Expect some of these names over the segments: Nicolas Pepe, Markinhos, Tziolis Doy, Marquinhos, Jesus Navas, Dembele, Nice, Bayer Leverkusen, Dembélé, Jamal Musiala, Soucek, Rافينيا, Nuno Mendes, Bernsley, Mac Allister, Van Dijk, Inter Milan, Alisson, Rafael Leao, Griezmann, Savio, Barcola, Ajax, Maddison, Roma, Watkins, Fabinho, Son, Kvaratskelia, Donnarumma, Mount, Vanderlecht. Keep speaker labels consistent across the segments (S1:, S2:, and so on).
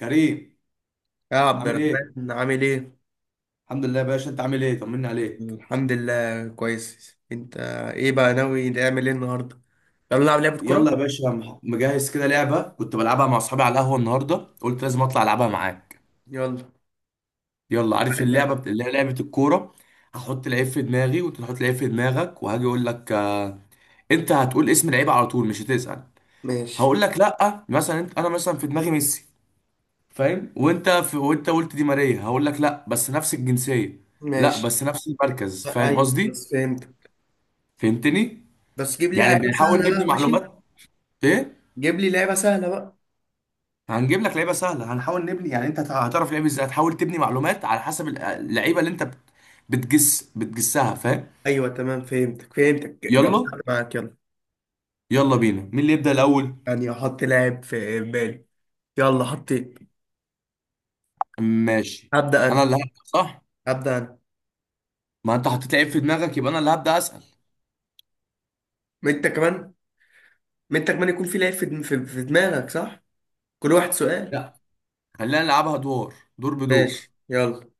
S1: كريم.
S2: يا عبد
S1: عامل ايه؟
S2: الرحمن، عامل ايه؟
S1: الحمد لله يا باشا، انت عامل ايه؟ طمني عليك.
S2: الحمد لله كويس. انت؟ ايه بقى ناوي نعمل ايه النهارده؟ يلا نلعب لعبة كورة؟
S1: يلا يا باشا، مجهز كده لعبة كنت بلعبها مع اصحابي على القهوة النهاردة، قلت لازم اطلع العبها معاك.
S2: يلا
S1: يلا، عارف
S2: بقى
S1: اللعبة
S2: اللعبة.
S1: اللي هي لعبة الكورة. هحط لعيب في دماغي وانت تحط لعيب في دماغك، وهاجي اقول لك آه، انت هتقول اسم لعيب على طول مش هتسأل.
S2: ماشي،
S1: هقول لك لا. مثلا انت، انا مثلا في دماغي ميسي، فاهم؟ وانت قلت دي ماريا، هقول لك لا بس نفس الجنسية. لا
S2: ماشي.
S1: بس نفس المركز، فاهم
S2: ايوه
S1: قصدي؟
S2: خلاص فهمتك.
S1: فهمتني؟
S2: بس جيب لي
S1: يعني
S2: لعبة
S1: بنحاول
S2: سهلة
S1: نبني
S2: بقى، ماشي؟
S1: معلومات. ايه؟
S2: جيب لي لعبة سهلة بقى.
S1: هنجيب لك لعيبه سهله، هنحاول نبني، يعني انت هتعرف لعيب ازاي، هتحاول تبني معلومات على حسب اللعيبه اللي انت بتجسها، فاهم.
S2: ايوه تمام، فهمتك فهمتك، جمعت
S1: يلا.
S2: معاك، يلا.
S1: يلا بينا، مين اللي يبدا الاول؟
S2: يعني احط لاعب في بالي. يلا حطيت.
S1: ماشي.
S2: هبدأ
S1: انا
S2: انا،
S1: اللي هبدا صح،
S2: هبدأ انا.
S1: ما انت حطيت لعيب في دماغك، يبقى انا اللي هبدا اسال.
S2: ما انت كمان، ما انت كمان يكون في لعيب في دم- في في دماغك، صح؟ كل واحد سؤال.
S1: لا، خلينا نلعبها ادوار، دور بدور.
S2: ماشي، يلا.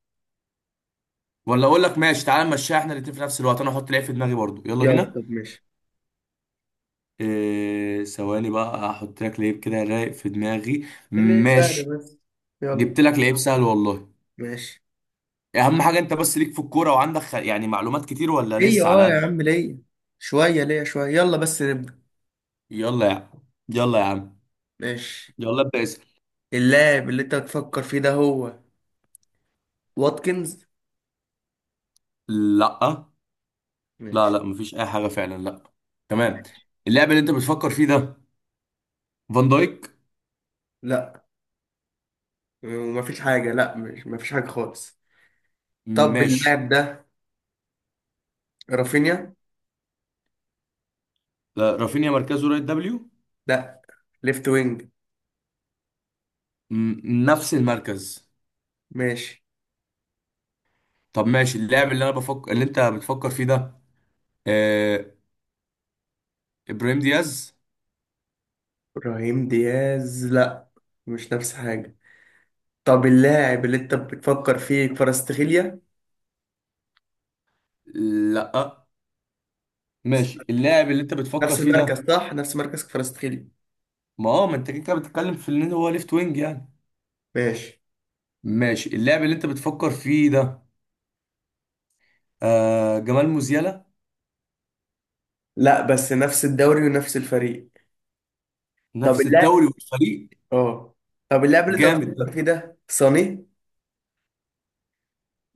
S1: ولا اقول لك، ماشي تعالى نمشيها احنا الاتنين في نفس الوقت، انا احط لعيب في دماغي برضو. يلا
S2: يلا
S1: بينا.
S2: طب ماشي.
S1: إيه، ثواني بقى احط لك لعيب كده رايق في دماغي.
S2: اللي
S1: ماشي.
S2: سهلة بس. يلا.
S1: جبت لك لعيب سهل والله.
S2: ماشي.
S1: اهم حاجه انت بس ليك في الكوره وعندك يعني معلومات كتير، ولا
S2: ليا
S1: لسه
S2: اه
S1: على
S2: يا
S1: قد.
S2: عم، ليا. شوية ليا، شوية، يلا بس نبدأ.
S1: يلا يا عم. يلا يا عم.
S2: ماشي.
S1: يلا ابدا اسال.
S2: اللاعب اللي انت بتفكر فيه ده هو واتكنز.
S1: لا. لا
S2: ماشي،
S1: لا، مفيش اي حاجه فعلا، لا. تمام.
S2: ماشي.
S1: اللاعب اللي انت بتفكر فيه ده فان دايك؟
S2: لا مفيش حاجة، لا مش مفيش حاجة خالص. طب
S1: ماشي.
S2: اللاعب ده رافينيا.
S1: لا، رافينيا مركزه رايت دبليو.
S2: لا، ليفت وينج.
S1: نفس المركز.
S2: ماشي.
S1: طب ماشي، اللاعب اللي انا بفكر اللي انت بتفكر فيه ده آه... ابراهيم دياز؟
S2: ابراهيم دياز، لا. مش نفس حاجة. طب اللاعب اللي انت بتفكر فيه كفاراتسخيليا.
S1: لا. ماشي، اللاعب اللي انت بتفكر
S2: نفس
S1: فيه ده؟
S2: المركز صح، نفس مركز كفاراتسخيليا.
S1: ما هو ما انت كده كده بتتكلم في ان هو ليفت وينج يعني.
S2: ماشي.
S1: ماشي، اللاعب اللي انت بتفكر فيه ده جمال موزيالا؟
S2: لا، بس نفس الدوري ونفس الفريق. طب
S1: نفس الدوري
S2: اللاعب
S1: والفريق.
S2: اه طب اللاعب اللي انت
S1: جامد
S2: بتفكر
S1: ده.
S2: فيه ده صاني.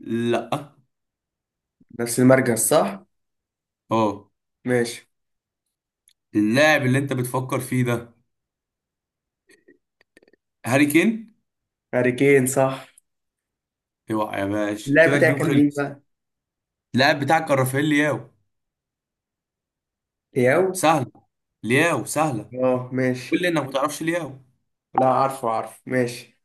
S1: لا.
S2: نفس المركز صح.
S1: اه.
S2: ماشي.
S1: اللاعب اللي انت بتفكر فيه ده هاري كين؟
S2: هاري كين صح.
S1: اوعى يا باشا
S2: اللاعب
S1: كده
S2: بتاعك
S1: الجيم
S2: كان مين
S1: خلص.
S2: بقى؟
S1: اللاعب بتاعك كان رافائيل لياو.
S2: تياو.
S1: سهلة. لياو سهلة.
S2: اه ماشي.
S1: قول لي انك ما تعرفش لياو.
S2: لا، عارفه عارفه. ماشي.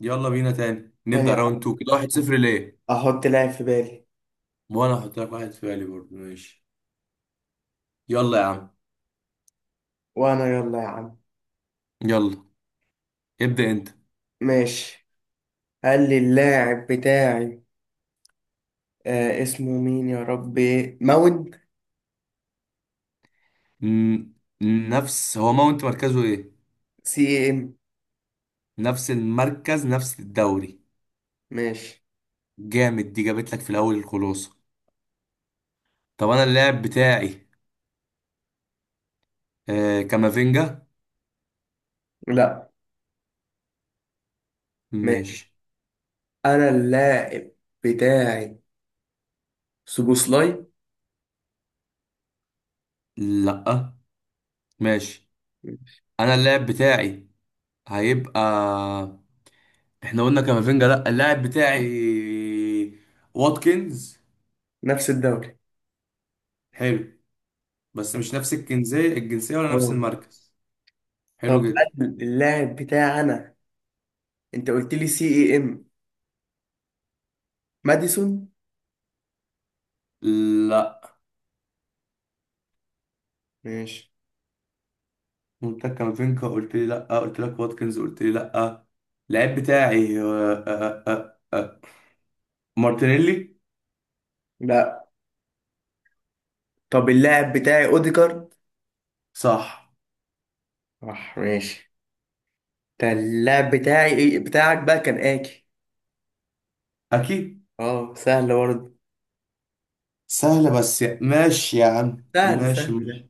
S1: يلا بينا تاني
S2: ثانية
S1: نبدأ راوند
S2: واحدة.
S1: 2 كده. 1-0 ليه.
S2: احط لاعب في بالي.
S1: وانا هحط لك واحد في بالي برضه، ماشي. يلا يا عم.
S2: وانا يلا يا عم.
S1: يلا. ابدأ انت.
S2: ماشي. هل اللاعب بتاعي اسمه مين يا ربي، ماونت؟
S1: ن- نفس، هو ماونت مركزه ايه؟
S2: سي ام.
S1: نفس المركز نفس الدوري.
S2: ماشي.
S1: جامد دي، جابت لك في الاول الخلاصه. طب انا اللاعب بتاعي كامافينجا.
S2: لا،
S1: ماشي.
S2: ماشي. انا اللاعب بتاعي سوبوسلاي.
S1: لا ماشي. انا اللاعب بتاعي هيبقى، احنا قلنا كامافينجا لا، اللاعب بتاعي واتكنز.
S2: نفس الدوري.
S1: حلو، بس مش نفس الجنسيه، الجنسيه ولا نفس
S2: اه،
S1: المركز. حلو
S2: طب
S1: جدا.
S2: هل اللاعب بتاعنا، انت قلت لي سي اي ام، ماديسون.
S1: لا.
S2: ماشي.
S1: قلت لك كامافينجا قلت لي لا، قلت لك واتكنز قلت لي لا. اللاعب بتاعي مارتينيلي.
S2: لا، طب اللاعب بتاعي اوديجارد.
S1: صح.
S2: صح، ماشي. ده اللاعب بتاعي، ايه بتاعك بقى، كان اكي.
S1: اكيد.
S2: اه، سهل برضه.
S1: سهلة، بس ماشي يا عم،
S2: سهل
S1: ماشي
S2: سهل ده.
S1: ماشي.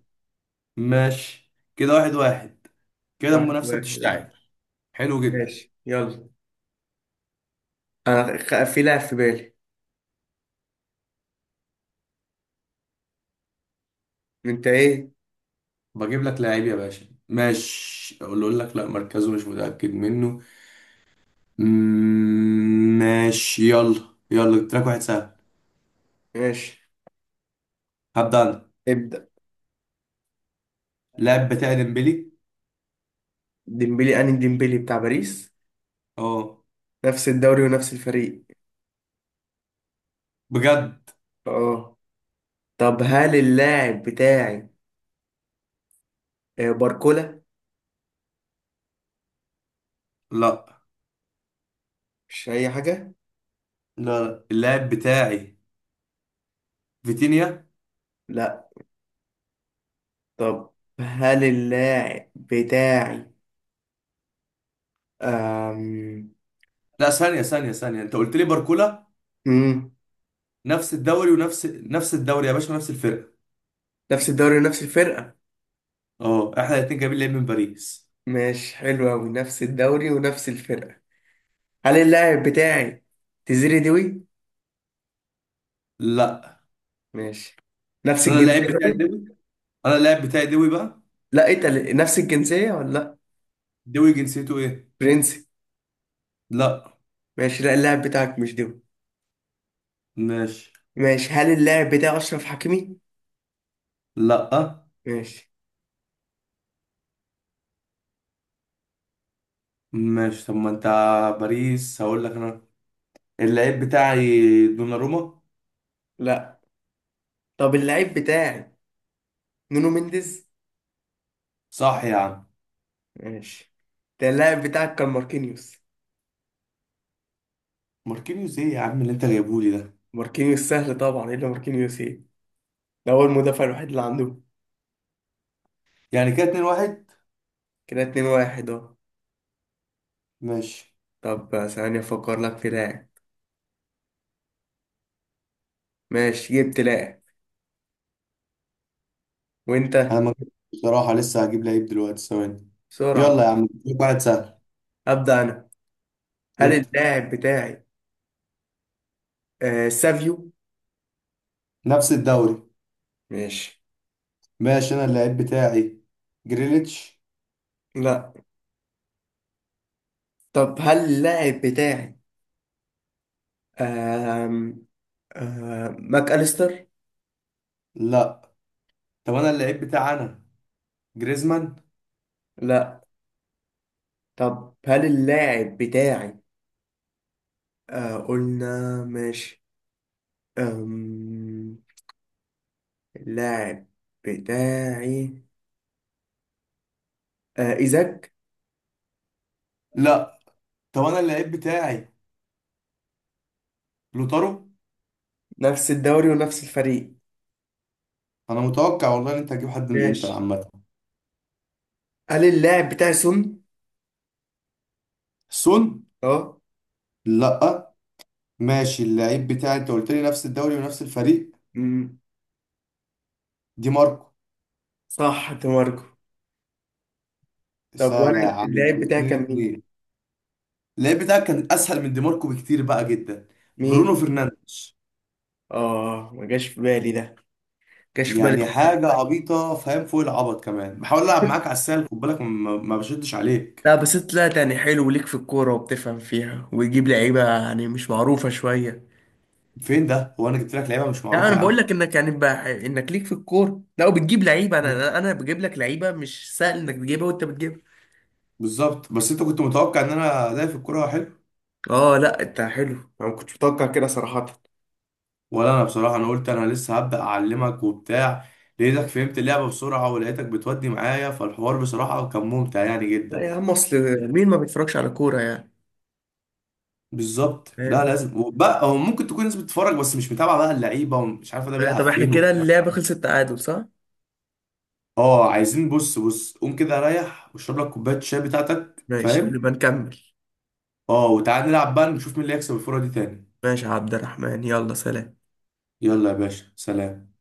S1: ماشي كده، واحد واحد. كده
S2: واحد
S1: المنافسة
S2: واحد اه.
S1: بتشتعل. حلو جدا.
S2: ماشي يلا. انا في لاعب في بالي. انت ايه؟
S1: بجيب لك لعيب يا باشا، ماشي. اقول لك لا مركزه مش متأكد منه. ماشي يلا. يلا، جبت لك واحد سهل.
S2: ماشي،
S1: هبدأ انا.
S2: ابدأ.
S1: اللاعب بتاعي ديمبلي.
S2: ديمبلي. انهي ديمبلي، بتاع باريس؟
S1: اه.
S2: نفس الدوري ونفس الفريق.
S1: بجد.
S2: اه، طب هل اللاعب بتاعي باركولا؟
S1: لا.
S2: مش أي حاجة.
S1: لا اللاعب بتاعي فيتينيا.
S2: لا، طب هل اللاعب بتاعي أم...
S1: لا ثانية ثانية ثانية، انت قلت لي باركولا.
S2: مم.
S1: نفس الدوري نفس الدوري يا باشا، نفس الفرقة.
S2: نفس الدوري ونفس الفرقة.
S1: اه احنا الاتنين جايبين لعيب من باريس.
S2: مش حلو أوي نفس الدوري ونفس الفرقة. هل اللاعب بتاعي تزيري دوي.
S1: لا
S2: ماشي. نفس
S1: انا
S2: الجنسية.
S1: اللاعب بتاعي
S2: برضه؟
S1: دوي. انا اللاعب بتاعي دوي بقى.
S2: لا انت نفس الجنسية ولا لا؟
S1: دوي جنسيته ايه؟
S2: برنسي.
S1: لا.
S2: ماشي، لا اللاعب بتاعك مش دوي.
S1: ماشي.
S2: ماشي، هل اللاعب بتاعي أشرف حكيمي.
S1: لا.
S2: ماشي.
S1: ماشي، طب ما انت باريس، هقول لك انا اللاعب بتاعي دوناروما.
S2: لا، طب اللاعب بتاعي نونو مينديز.
S1: صح يا عم.
S2: ماشي. ده اللاعب بتاعك كان ماركينيوس.
S1: ماركينيوس؟ ايه يا عم اللي انت جايبهولي ده.
S2: ماركينيوس سهل طبعا، الا ماركينيوس ايه، ده هو المدافع الوحيد اللي عندهم.
S1: يعني كده 2-1.
S2: كده 2-1 اهو.
S1: ماشي.
S2: طب ثانية افكر لك في لاعب. ماشي، جبت لاعب.
S1: انا
S2: وانت؟
S1: ما جبتش بصراحة، لسه هجيب لعيب دلوقتي، ثواني.
S2: بسرعة ده.
S1: يلا يا عم جيب واحد سهل.
S2: ابدأ انا. هل
S1: جبت.
S2: اللاعب بتاعي سافيو.
S1: نفس الدوري.
S2: ماشي.
S1: ماشي، انا اللاعب بتاعي جريليتش.
S2: لا، طب هل اللاعب بتاعي آه ماك أليستر.
S1: لا. طب انا اللعيب بتاعي انا جريزمان.
S2: لا، طب هل اللاعب بتاعي. آه قلنا ماشي. آم، اللاعب بتاعي إيزاك.
S1: لا. طب انا اللعيب بتاعي لوتارو.
S2: نفس الدوري ونفس الفريق.
S1: انا متوقع والله ان انت هتجيب حد من الانتر
S2: ماشي،
S1: عامه.
S2: هل اللاعب بتاعي سون؟
S1: سون؟
S2: اه.
S1: لا. ماشي، اللعيب بتاعي انت قلت لي نفس الدوري ونفس الفريق،
S2: أمم.
S1: دي ماركو.
S2: صح، دي ماركو. طب وانا
S1: سهله يا عم،
S2: اللاعب بتاعي
S1: اتنين
S2: كان مين؟
S1: اتنين. اللعيب بتاعك كان اسهل من دي ماركو بكتير بقى جدا،
S2: مين؟
S1: برونو فرنانديز.
S2: اه، ما جاش في بالي ده. ما جاش في بالي.
S1: يعني حاجه عبيطه، فاهم، فوق العبط كمان، بحاول العب معاك على السهل، خد بالك، ما بشدش عليك.
S2: لا بس انت طلعت يعني حلو، وليك في الكورة وبتفهم فيها ويجيب لعيبة يعني مش معروفة شوية.
S1: فين ده، هو انا جبت لك لعيبه مش
S2: لا
S1: معروفه
S2: انا
S1: يا
S2: بقول
S1: عم.
S2: لك انك يعني انك ليك في الكورة، لا وبتجيب لعيبة، انا بجيب لك لعيبة مش سهل انك تجيبها وانت بتجيبها.
S1: بالظبط، بس انت كنت متوقع ان انا ادائي في الكوره حلو.
S2: اه لا انت حلو. انا ما كنتش متوقع كده صراحة.
S1: ولا انا بصراحه، انا قلت انا لسه هبدا اعلمك وبتاع. لقيتك فهمت اللعبه بسرعه، ولقيتك بتودي معايا، فالحوار بصراحه كان ممتع يعني
S2: لا
S1: جدا.
S2: يا عم، اصل مين ما بيتفرجش على كورة يعني.
S1: بالظبط. لا
S2: فاهم.
S1: لازم، وبقى هو ممكن تكون ناس بتتفرج بس مش متابعه بقى اللعيبه، ومش عارفه ده بيلعب
S2: طب احنا
S1: فين
S2: كده
S1: وبتاع.
S2: اللعبة خلصت تعادل، صح؟
S1: اه، عايزين بص بص، قوم كده ريح واشرب لك كوبايه الشاي بتاعتك،
S2: ماشي،
S1: فاهم.
S2: ونبقى نكمل.
S1: اه وتعال نلعب بقى، نشوف مين اللي هيكسب الفوره دي تاني.
S2: ماشي يا عبد الرحمن، يلا سلام.
S1: يلا يا باشا، سلام.